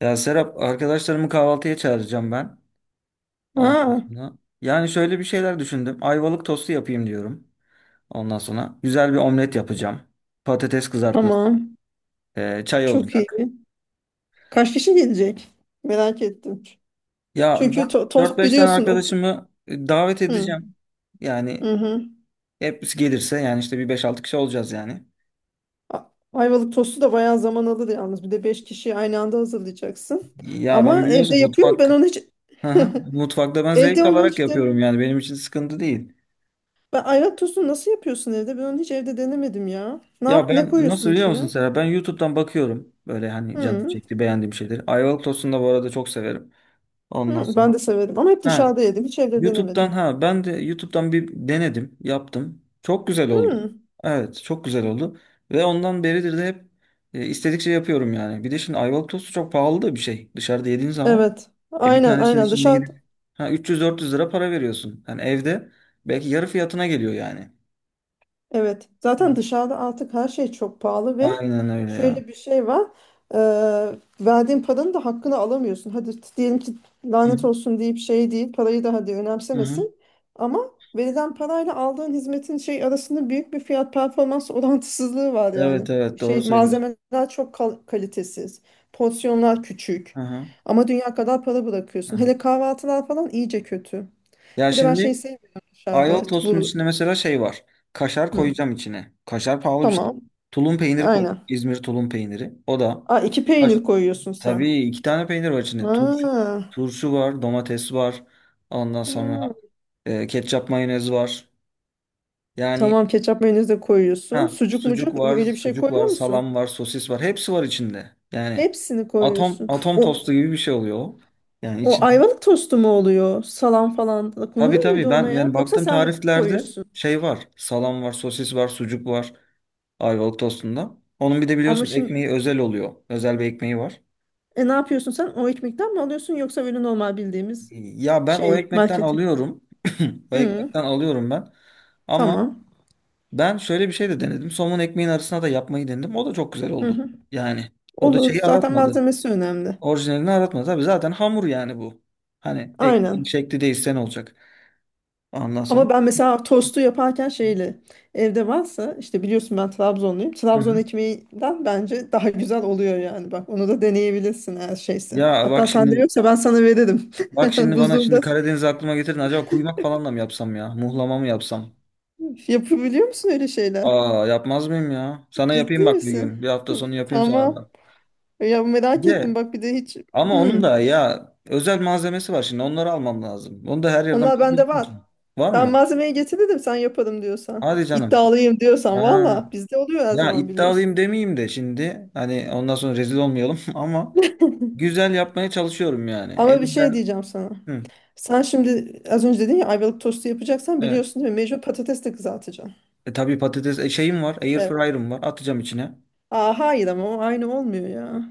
Ya Serap, arkadaşlarımı kahvaltıya çağıracağım ben. Ondan Ha, sonra. Yani şöyle bir şeyler düşündüm. Ayvalık tostu yapayım diyorum. Ondan sonra güzel bir omlet yapacağım. Patates kızartması, tamam. Çay Çok iyi. olacak. Kaç kişi gelecek? Merak ettim. Ya Çünkü dört tost 5 tane biliyorsun. Arkadaşımı davet Hı, edeceğim. Yani hı hı. hepsi gelirse yani işte bir beş altı kişi olacağız yani. A- Ayvalık tostu da bayağı zaman alır yalnız. Bir de 5 kişiyi aynı anda hazırlayacaksın. Ya ben Ama evde biliyorsun yapıyor mu? Ben mutfak. onu hiç Hı hı. Mutfakta ben evde zevk onu alarak hiç yapıyorum yani benim için sıkıntı değil. ben ayvalık tostunu nasıl yapıyorsun evde? Ben onu hiç evde denemedim ya. Ne Ya yap ne ben koyuyorsun nasıl biliyor musun içine? Serap? Ben YouTube'dan bakıyorum. Böyle hani canım Hı, çekti beğendiğim şeyleri. Ayvalık tostunu da bu arada çok severim. Ondan hı, sonra. ben de severim ama hep Ha, dışarıda yedim. Hiç evde YouTube'dan denemedim. ha ben de YouTube'dan bir denedim. Yaptım. Çok güzel oldu. Hı, Evet, çok güzel oldu. Ve ondan beridir de hep istedikçe yapıyorum yani. Bir de şimdi Ayvalık tostu çok pahalı da bir şey. Dışarıda yediğin zaman. evet. E bir Aynen tanesinin aynen içinde dışarı. gidip ha 300-400 lira para veriyorsun. Yani evde belki yarı fiyatına geliyor yani. Evet, Hı zaten hı. dışarıda artık her şey çok pahalı ve Aynen öyle ya. şöyle bir şey var. Ee, verdiğin paranın da hakkını alamıyorsun. Hadi diyelim ki Hı hı. lanet olsun deyip şey değil, parayı da hadi Hı hı. önemsemesin. Ama verilen parayla aldığın hizmetin şey arasında büyük bir fiyat performans orantısızlığı var yani. Evet evet, doğru Şey söylüyorsun. malzemeler çok kalitesiz, porsiyonlar küçük. Hı hı. Ama dünya kadar para Hı bırakıyorsun. hı. Hele kahvaltılar falan iyice kötü. Ya Bir de ben şey şimdi sevmiyorum dışarıda. Ayvalık tostunun Bu içinde mesela şey var. Kaşar hı, koyacağım içine. Kaşar pahalı bir şey. tamam. Tulum peyniri koy. Aynen. İzmir tulum peyniri. O da. Aa, iki Kaş- peynir koyuyorsun sen. Tabii iki tane peynir var içinde. Turşu, Ha. turşu var, domates var. Ondan sonra Ha. Ketçap mayonez var. Yani Tamam ketçap mayonez de koyuyorsun. ha, Sucuk sucuk mucuk var, öyle bir şey koyuyor salam musun? var, sosis var. Hepsi var içinde. Yani Hepsini atom koyuyorsun. atom O tostu gibi bir şey oluyor, o. Yani o içinde. ayvalık tostu mu oluyor? Salam falan da Tabii konuyor muydu tabii ona ben ya? yani Yoksa baktığım sen mi tariflerde koyuyorsun? şey var. Salam var, sosis var, sucuk var Ayvalık tostunda. Onun bir de Ama biliyorsunuz şimdi ekmeği özel oluyor. Özel bir ekmeği var. e, ne yapıyorsun sen? O ekmekten mi alıyorsun yoksa böyle normal bildiğimiz Ya ben o şey ekmekten marketi? alıyorum. O Hı, ekmekten alıyorum ben. Ama tamam. ben şöyle bir şey de denedim. Somun ekmeğin arasına da yapmayı denedim. O da çok güzel Hı oldu. hı. Yani o da Olur. şeyi Zaten aratmadı. malzemesi önemli. Orijinalini aratmadı. Tabii zaten hamur yani bu. Hani ekmeğin Aynen. şekli değilse ne olacak? Ondan Ama sonra. ben mesela tostu yaparken şeyle evde varsa işte biliyorsun ben Trabzonluyum. Hı Trabzon hı. ekmeğinden bence daha güzel oluyor yani. Bak onu da deneyebilirsin her şeyse. Ya bak Hatta sende şimdi yoksa ben sana veririm. Bak şimdi bana şimdi Buzluğunda Karadeniz aklıma getirdin. Acaba kuymak falan da mı yapsam ya? Muhlama mı yapsam? yapabiliyor musun öyle şeyler? Aa, yapmaz mıyım ya? Sana Ciddi yapayım bak bir misin? gün. Bir hafta sonu yapayım sana Tamam. da. Ya Bir merak ettim de bak bir de hiç. ama onun Hmm. da ya özel malzemesi var şimdi. Onları almam lazım. Onu da her yerden Onlar bende bulabilirsin ki. var. Var Ben mı? malzemeyi getirdim sen yaparım diyorsan. Hadi canım. İddialıyım diyorsan valla Ha. bizde oluyor her Ya zaman iddialıyım biliyorsun. demeyeyim de şimdi. Hani ondan sonra rezil olmayalım ama güzel yapmaya çalışıyorum yani. Ama bir şey Elimden. diyeceğim sana. Hı. Sen şimdi az önce dedin ya ayvalık tostu yapacaksan Evet. biliyorsun değil mi? Mecbur patates de kızartacaksın. Tabii patates şeyim var. Air Evet. fryer'ım var. Atacağım içine. Aa, hayır ama o aynı olmuyor ya.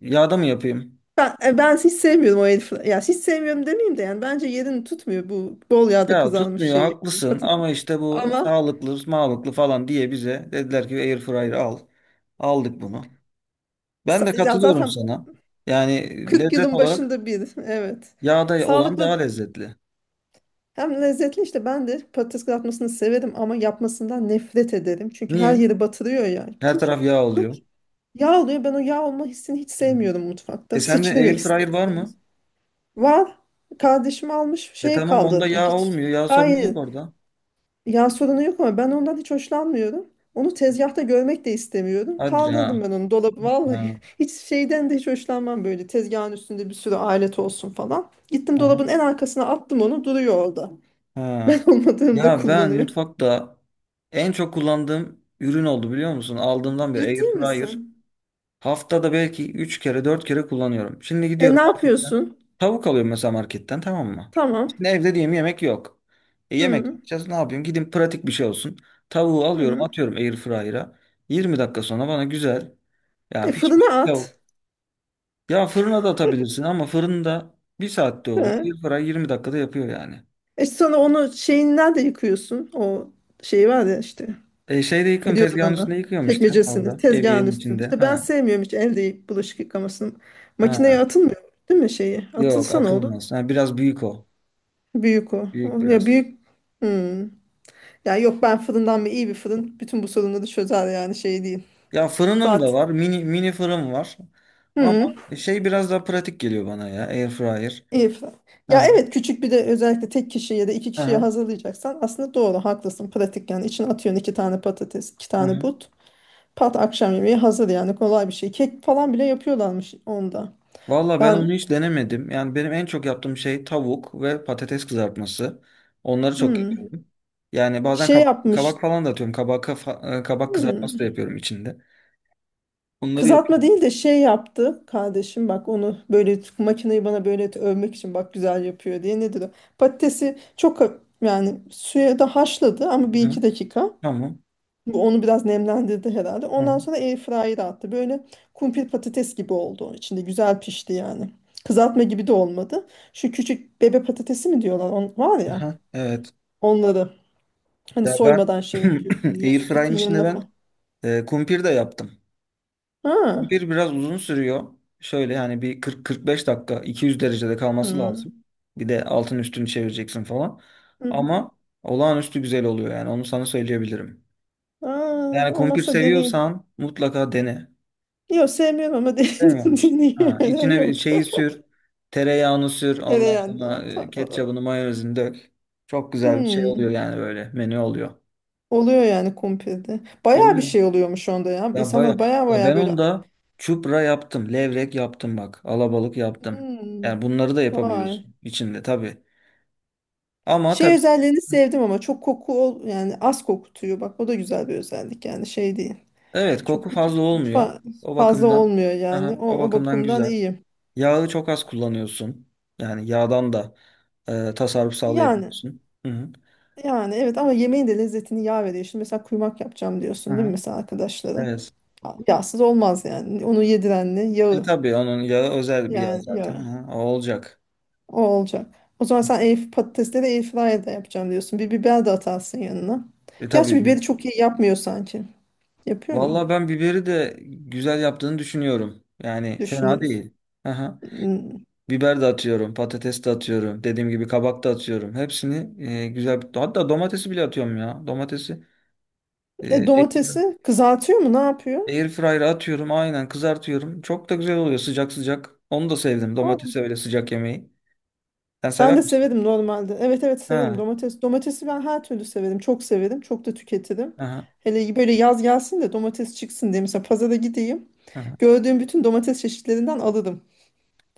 Yağda mı yapayım? Ben hiç sevmiyorum o herif. Ya hiç sevmiyorum demeyeyim de yani bence yerini tutmuyor bu bol yağda Ya kızarmış tutmuyor şey. haklısın Patat. ama işte bu Ama sağlıklı, sağlıklı falan diye bize dediler ki airfryer al. Aldık bunu. Ben de ya katılıyorum zaten sana. Yani 40 lezzet yılın olarak başında bir. Evet. yağda olan daha Sağlıklı lezzetli. hem lezzetli işte ben de patates kızartmasını severim ama yapmasından nefret ederim. Çünkü her Niye? yeri batırıyor ya. Her Çünkü taraf yağ oluyor. yağ oluyor. Ben o yağ olma hissini hiç Evet. sevmiyorum mutfakta. E sende Sıçrıyor ister airfryer var mı? istemez. Var. Kardeşim almış E şeye tamam, onda kaldırdım. yağ Hiç olmuyor. Yağ sorunu yok hayır. orada. Yağ sorunu yok ama ben ondan hiç hoşlanmıyorum. Onu tezgahta görmek de istemiyorum. Hadi Kaldırdım ya. ben onu dolabı. Vallahi Ha. hiç şeyden de hiç hoşlanmam böyle. Tezgahın üstünde bir sürü alet olsun falan. Gittim Aha. dolabın en arkasına attım onu duruyor orada. Ha. Ben olmadığımda Ya ben kullanıyor. mutfakta en çok kullandığım ürün oldu biliyor musun? Aldığımdan beri Ciddi airfryer. misin? Haftada belki 3 kere 4 kere kullanıyorum. Şimdi E gidiyorum ne marketten. yapıyorsun? Tavuk alıyorum mesela marketten, tamam mı? Tamam. Şimdi evde diyeyim yemek yok. E yemek Hı, yapacağız, ne yapıyorum? Gidin, pratik bir şey olsun. Tavuğu alıyorum, hı. atıyorum airfryer'a. 20 dakika sonra bana güzel yani E pişmiş fırına bir tavuk. at. Ya fırına da atabilirsin ama fırında bir saatte oluyor. He. Airfryer 20 dakikada yapıyor yani. E sonra onu şeyin nerede yıkıyorsun. O şey var ya işte. E şeyde Ne yıkıyorum, diyorlar tezgahın üstünde ona? yıkıyorum işte Çekmecesini, orada. tezgahın Eviyenin üstünü. içinde. İşte ben Ha. sevmiyorum hiç el bulaşık yıkamasını. Makineye Ha. atılmıyor değil mi şeyi? Yok, Atılsa ne olur? atılmaz. Ha, biraz büyük o. Büyük o. Büyük Ya biraz. büyük... Hmm. Ya yok ben fırından mı iyi bir fırın bütün bu sorunları çözer yani şey değil. Ya fırınım da Zaten var. Mini mini fırın var. Ama hı, şey biraz daha pratik geliyor bana ya. Air fryer. iyi fırın. Ya Aha, evet küçük bir de özellikle tek kişi ya da iki kişiye aha, hazırlayacaksan aslında doğru haklısın pratik yani içine atıyorsun iki tane patates iki tane aha. but. Pat akşam yemeği hazır yani kolay bir şey. Kek falan bile yapıyorlarmış onda. Valla ben onu Ben hiç denemedim. Yani benim en çok yaptığım şey tavuk ve patates kızartması. Onları çok hmm, yapıyorum. Yani bazen şey kabak, yapmış. kabak falan da atıyorum. Kabak kızartması da Hmm, yapıyorum içinde. Onları kızartma yapıyorum. değil de şey yaptı kardeşim bak onu böyle makineyi bana böyle övmek için bak güzel yapıyor diye nedir o? Patatesi çok yani suya da haşladı ama bir Aha, iki dakika. tamam. Bu onu biraz nemlendirdi herhalde. Ondan Aha, sonra airfryer'a attı. Böyle kumpir patates gibi oldu. İçinde güzel pişti yani. Kızartma gibi de olmadı. Şu küçük bebe patatesi mi diyorlar? Var ya. aha, evet. Onları hani Ya ben soymadan şey yapıyorsun, yiyorsun. Air Etin içinde yanına ben falan. Kumpir de yaptım. Ha. Bir biraz uzun sürüyor. Şöyle hani bir 40-45 dakika 200 derecede kalması lazım. Hmm. Bir de altın üstünü çevireceksin falan. Hı hı. Ama olağanüstü güzel oluyor yani onu sana söyleyebilirim. Aa, Yani kumpir olmazsa deneyeyim. seviyorsan mutlaka dene. Yok sevmiyorum ama Sevmiyor musun? Ha, deneyeyim. içine bir Yok. şeyi sür. Tereyağını sür. Ondan sonra Tereyağında. Ketçabını mayonezini dök. Çok güzel bir şey oluyor Hmm. yani böyle menü oluyor. Oluyor yani kumpirde. Bayağı bir Oluyor. şey oluyormuş onda ya. Ya baya İnsanlar bayağı ya bayağı ben böyle onda çupra yaptım, levrek yaptım bak, alabalık yaptım. Yani hmm. bunları da Vay. yapabiliyorsun içinde tabii. Ama Şey tabii özelliğini sevdim ama çok koku yani az kokutuyor. Bak o da güzel bir özellik yani şey değil. evet, koku Çok mut- fazla olmuyor. mutfa O fazla bakımdan olmuyor yani. aha, O, o o bakımdan bakımdan güzel. iyi. Yağı çok az kullanıyorsun. Yani yağdan da tasarruf Yani sağlayabiliyorsun. Hı hı. yani evet ama yemeğin de lezzetini yağ veriyor. Şimdi mesela kuymak yapacağım Hı diyorsun değil mi hı. mesela arkadaşlara? Evet. Yağsız olmaz yani. Onu yediren ne? E Yağı. tabii onun yağı özel bir yağ Yani zaten. yağı. Hı, o olacak. O olacak. O zaman sen air, patatesleri airfryer'da yapacağım diyorsun. Bir biber de atarsın yanına. E Gerçi tabii. Biberi çok iyi yapmıyor sanki. Yapıyor mu? Vallahi ben biberi de güzel yaptığını düşünüyorum. Yani fena Düşünüyoruz. değil. Aha. Hmm. Biber de atıyorum, patates de atıyorum. Dediğim gibi kabak da atıyorum. Hepsini güzel hatta domatesi bile atıyorum ya. Domatesi E, e, air domatesi kızartıyor mu? Ne yapıyor? air fryer'a atıyorum. Aynen kızartıyorum. Çok da güzel oluyor sıcak sıcak. Onu da sevdim. Domatesi öyle sıcak yemeği. Sen Ben sever de misin? severim normalde. Evet evet severim Ha. domates. Domatesi ben her türlü severim. Çok severim. Çok da tüketirim. Aha, Hele böyle yaz gelsin de domates çıksın diye mesela pazara gideyim. aha. Gördüğüm bütün domates çeşitlerinden alırım.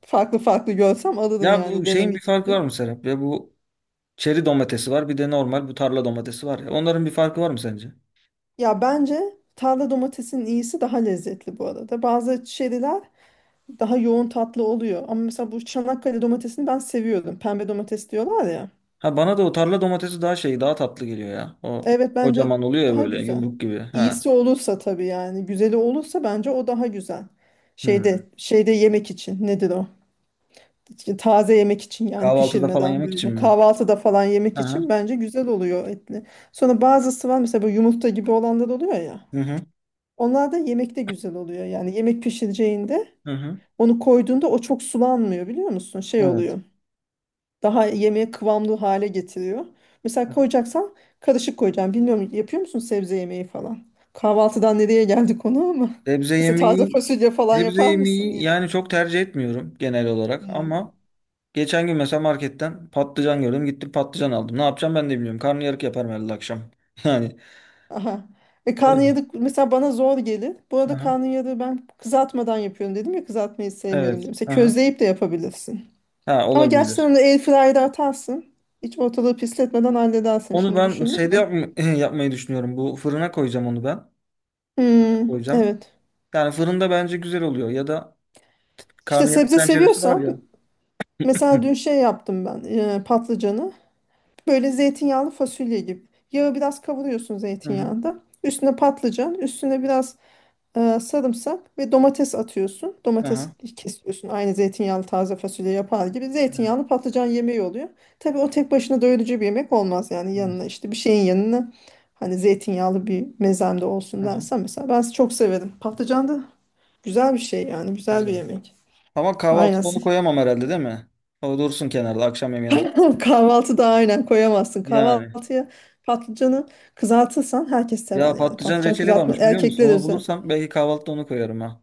Farklı farklı görsem alırım Ya yani bu şeyin bir denemek farkı var mı için. Serap? Ya bu çeri domatesi var. Bir de normal bu tarla domatesi var ya. Onların bir farkı var mı sence? Ya bence tarla domatesinin iyisi daha lezzetli bu arada. Bazı çeriler daha yoğun tatlı oluyor. Ama mesela bu Çanakkale domatesini ben seviyorum. Pembe domates diyorlar ya. Ha, bana da o tarla domatesi daha tatlı geliyor ya. O Evet bence kocaman oluyor ya daha böyle güzel. yumruk gibi. Ha. İyisi olursa tabii yani güzeli olursa bence o daha güzel. Hı. Şeyde şeyde yemek için nedir o? İşte Taze yemek için yani Kahvaltıda falan pişirmeden yemek için böyle mi? kahvaltıda falan yemek Aha. için bence güzel oluyor etli. Sonra bazısı var mesela bu yumurta gibi olanlar oluyor ya. Hı hı. Onlar da yemekte güzel oluyor. Yani yemek pişireceğinde Hı hı. onu koyduğunda o çok sulanmıyor biliyor musun? Şey Evet. oluyor daha yemeğe kıvamlı hale getiriyor. Mesela koyacaksan karışık koyacağım. Bilmiyorum yapıyor musun sebze yemeği falan? Kahvaltıdan nereye geldi konu ama. Sebze Mesela taze yemeği fasulye falan sebze yapar mısın? yemeği Ya? yani çok tercih etmiyorum genel olarak Hmm. ama geçen gün mesela marketten patlıcan gördüm. Gittim patlıcan aldım. Ne yapacağım ben de bilmiyorum. Karnıyarık yaparım herhalde akşam. Yani Aha. E öyle. karnıyarık mesela bana zor gelir. Bu arada Aha. karnıyarığı ben kızartmadan yapıyorum dedim ya kızartmayı sevmiyorum Evet. dedim. Mesela Aha. közleyip de yapabilirsin. Ha, Ama gerçi sen olabilir. onu atarsın. Hiç ortalığı pisletmeden halledersin Onu şimdi ben düşündüm şeyde de. yap yapmayı düşünüyorum. Bu fırına koyacağım onu ben. Hmm, Koyacağım. evet. Yani fırında bence güzel oluyor ya da İşte karnıyarık sebze tenceresi var seviyorsan ya. mesela dün şey yaptım ben patlıcanı. Böyle zeytinyağlı fasulye gibi. Yağı biraz kavuruyorsun Hı hı. zeytinyağında. Üstüne patlıcan, üstüne biraz sarımsak ve domates atıyorsun. Domates Aha. kesiyorsun. Aynı zeytinyağlı taze fasulye yapar gibi. Evet. Zeytinyağlı patlıcan yemeği oluyor. Tabii o tek başına doyurucu bir yemek olmaz. Yani Evet. yanına işte bir şeyin yanına hani zeytinyağlı bir mezemde olsun Aha. dersen mesela ben çok severim. Patlıcan da güzel bir şey yani güzel bir Güzel. yemek. Ama Aynen. kahvaltına onu koyamam herhalde, değil mi? O dursun kenarda, akşam yemeğine kalsın. Kahvaltıda aynen koyamazsın. Yani. Kahvaltıya patlıcanı kızartırsan herkes sever Ya yani. patlıcan Patlıcan reçeli kızartma varmış biliyor musun? erkekler Onu özel. bulursam belki kahvaltıda onu koyarım ha.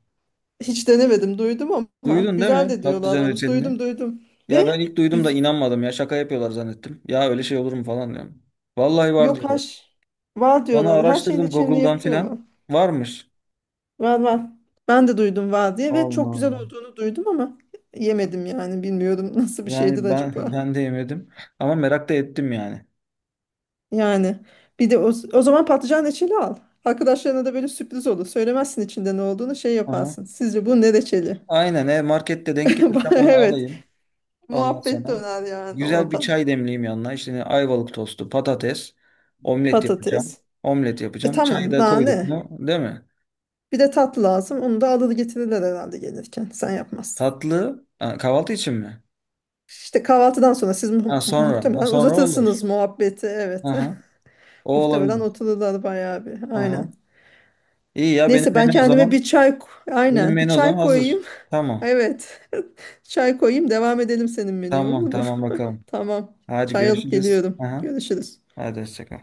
Hiç denemedim duydum ama Duydun değil güzel mi de diyorlar patlıcan onu. reçelini? Duydum duydum. Ve Ya ben ilk duydum da güz inanmadım ya, şaka yapıyorlar zannettim. Ya öyle şey olur mu falan diyorum. Vallahi var yok diyorlar. haş var Bana diyorlar. Her şeyin araştırdım içinde Google'dan filan. yapıyorlar. Varmış. Var var. Ben de duydum var diye ve Allah çok güzel Allah. olduğunu duydum ama yemedim yani. Bilmiyorum nasıl bir şeydir Yani ben acaba. ben de yemedim ama merak da ettim yani. Yani bir de o zaman patlıcan reçeli al. Arkadaşlarına da böyle sürpriz olur. Söylemezsin içinde ne olduğunu şey Aha. yaparsın. Sizce bu ne reçeli? Aynen, markette denk gelirsem onu Evet. alayım. Ondan Muhabbet sonra döner yani güzel bir oradan. çay demleyeyim yanına. İşte ne, Ayvalık tostu, patates, omlet yapacağım. Patates. Omlet E yapacağım. Çayı tamam da daha koyduk ne? mu, değil mi? Bir de tatlı lazım. Onu da alır getirirler herhalde gelirken. Sen yapmazsın. Tatlı ha, kahvaltı için mi? İşte kahvaltıdan sonra siz Ha sonra. Ha muhtemelen sonra olur. uzatırsınız muhabbeti. Evet. Aha. O Muhtemelen olabilir. otururlar bayağı bir. Aha. Aynen. İyi ya, benim Neyse ben menü o kendime zaman. bir çay Benim aynen bir menü o zaman çay hazır. koyayım. Tamam. Evet. Çay koyayım devam edelim senin menüye olur Tamam mu? tamam, bakalım. Tamam. Hadi Çay alıp görüşürüz. geliyorum. Aha. Görüşürüz. Hadi hoşça kal.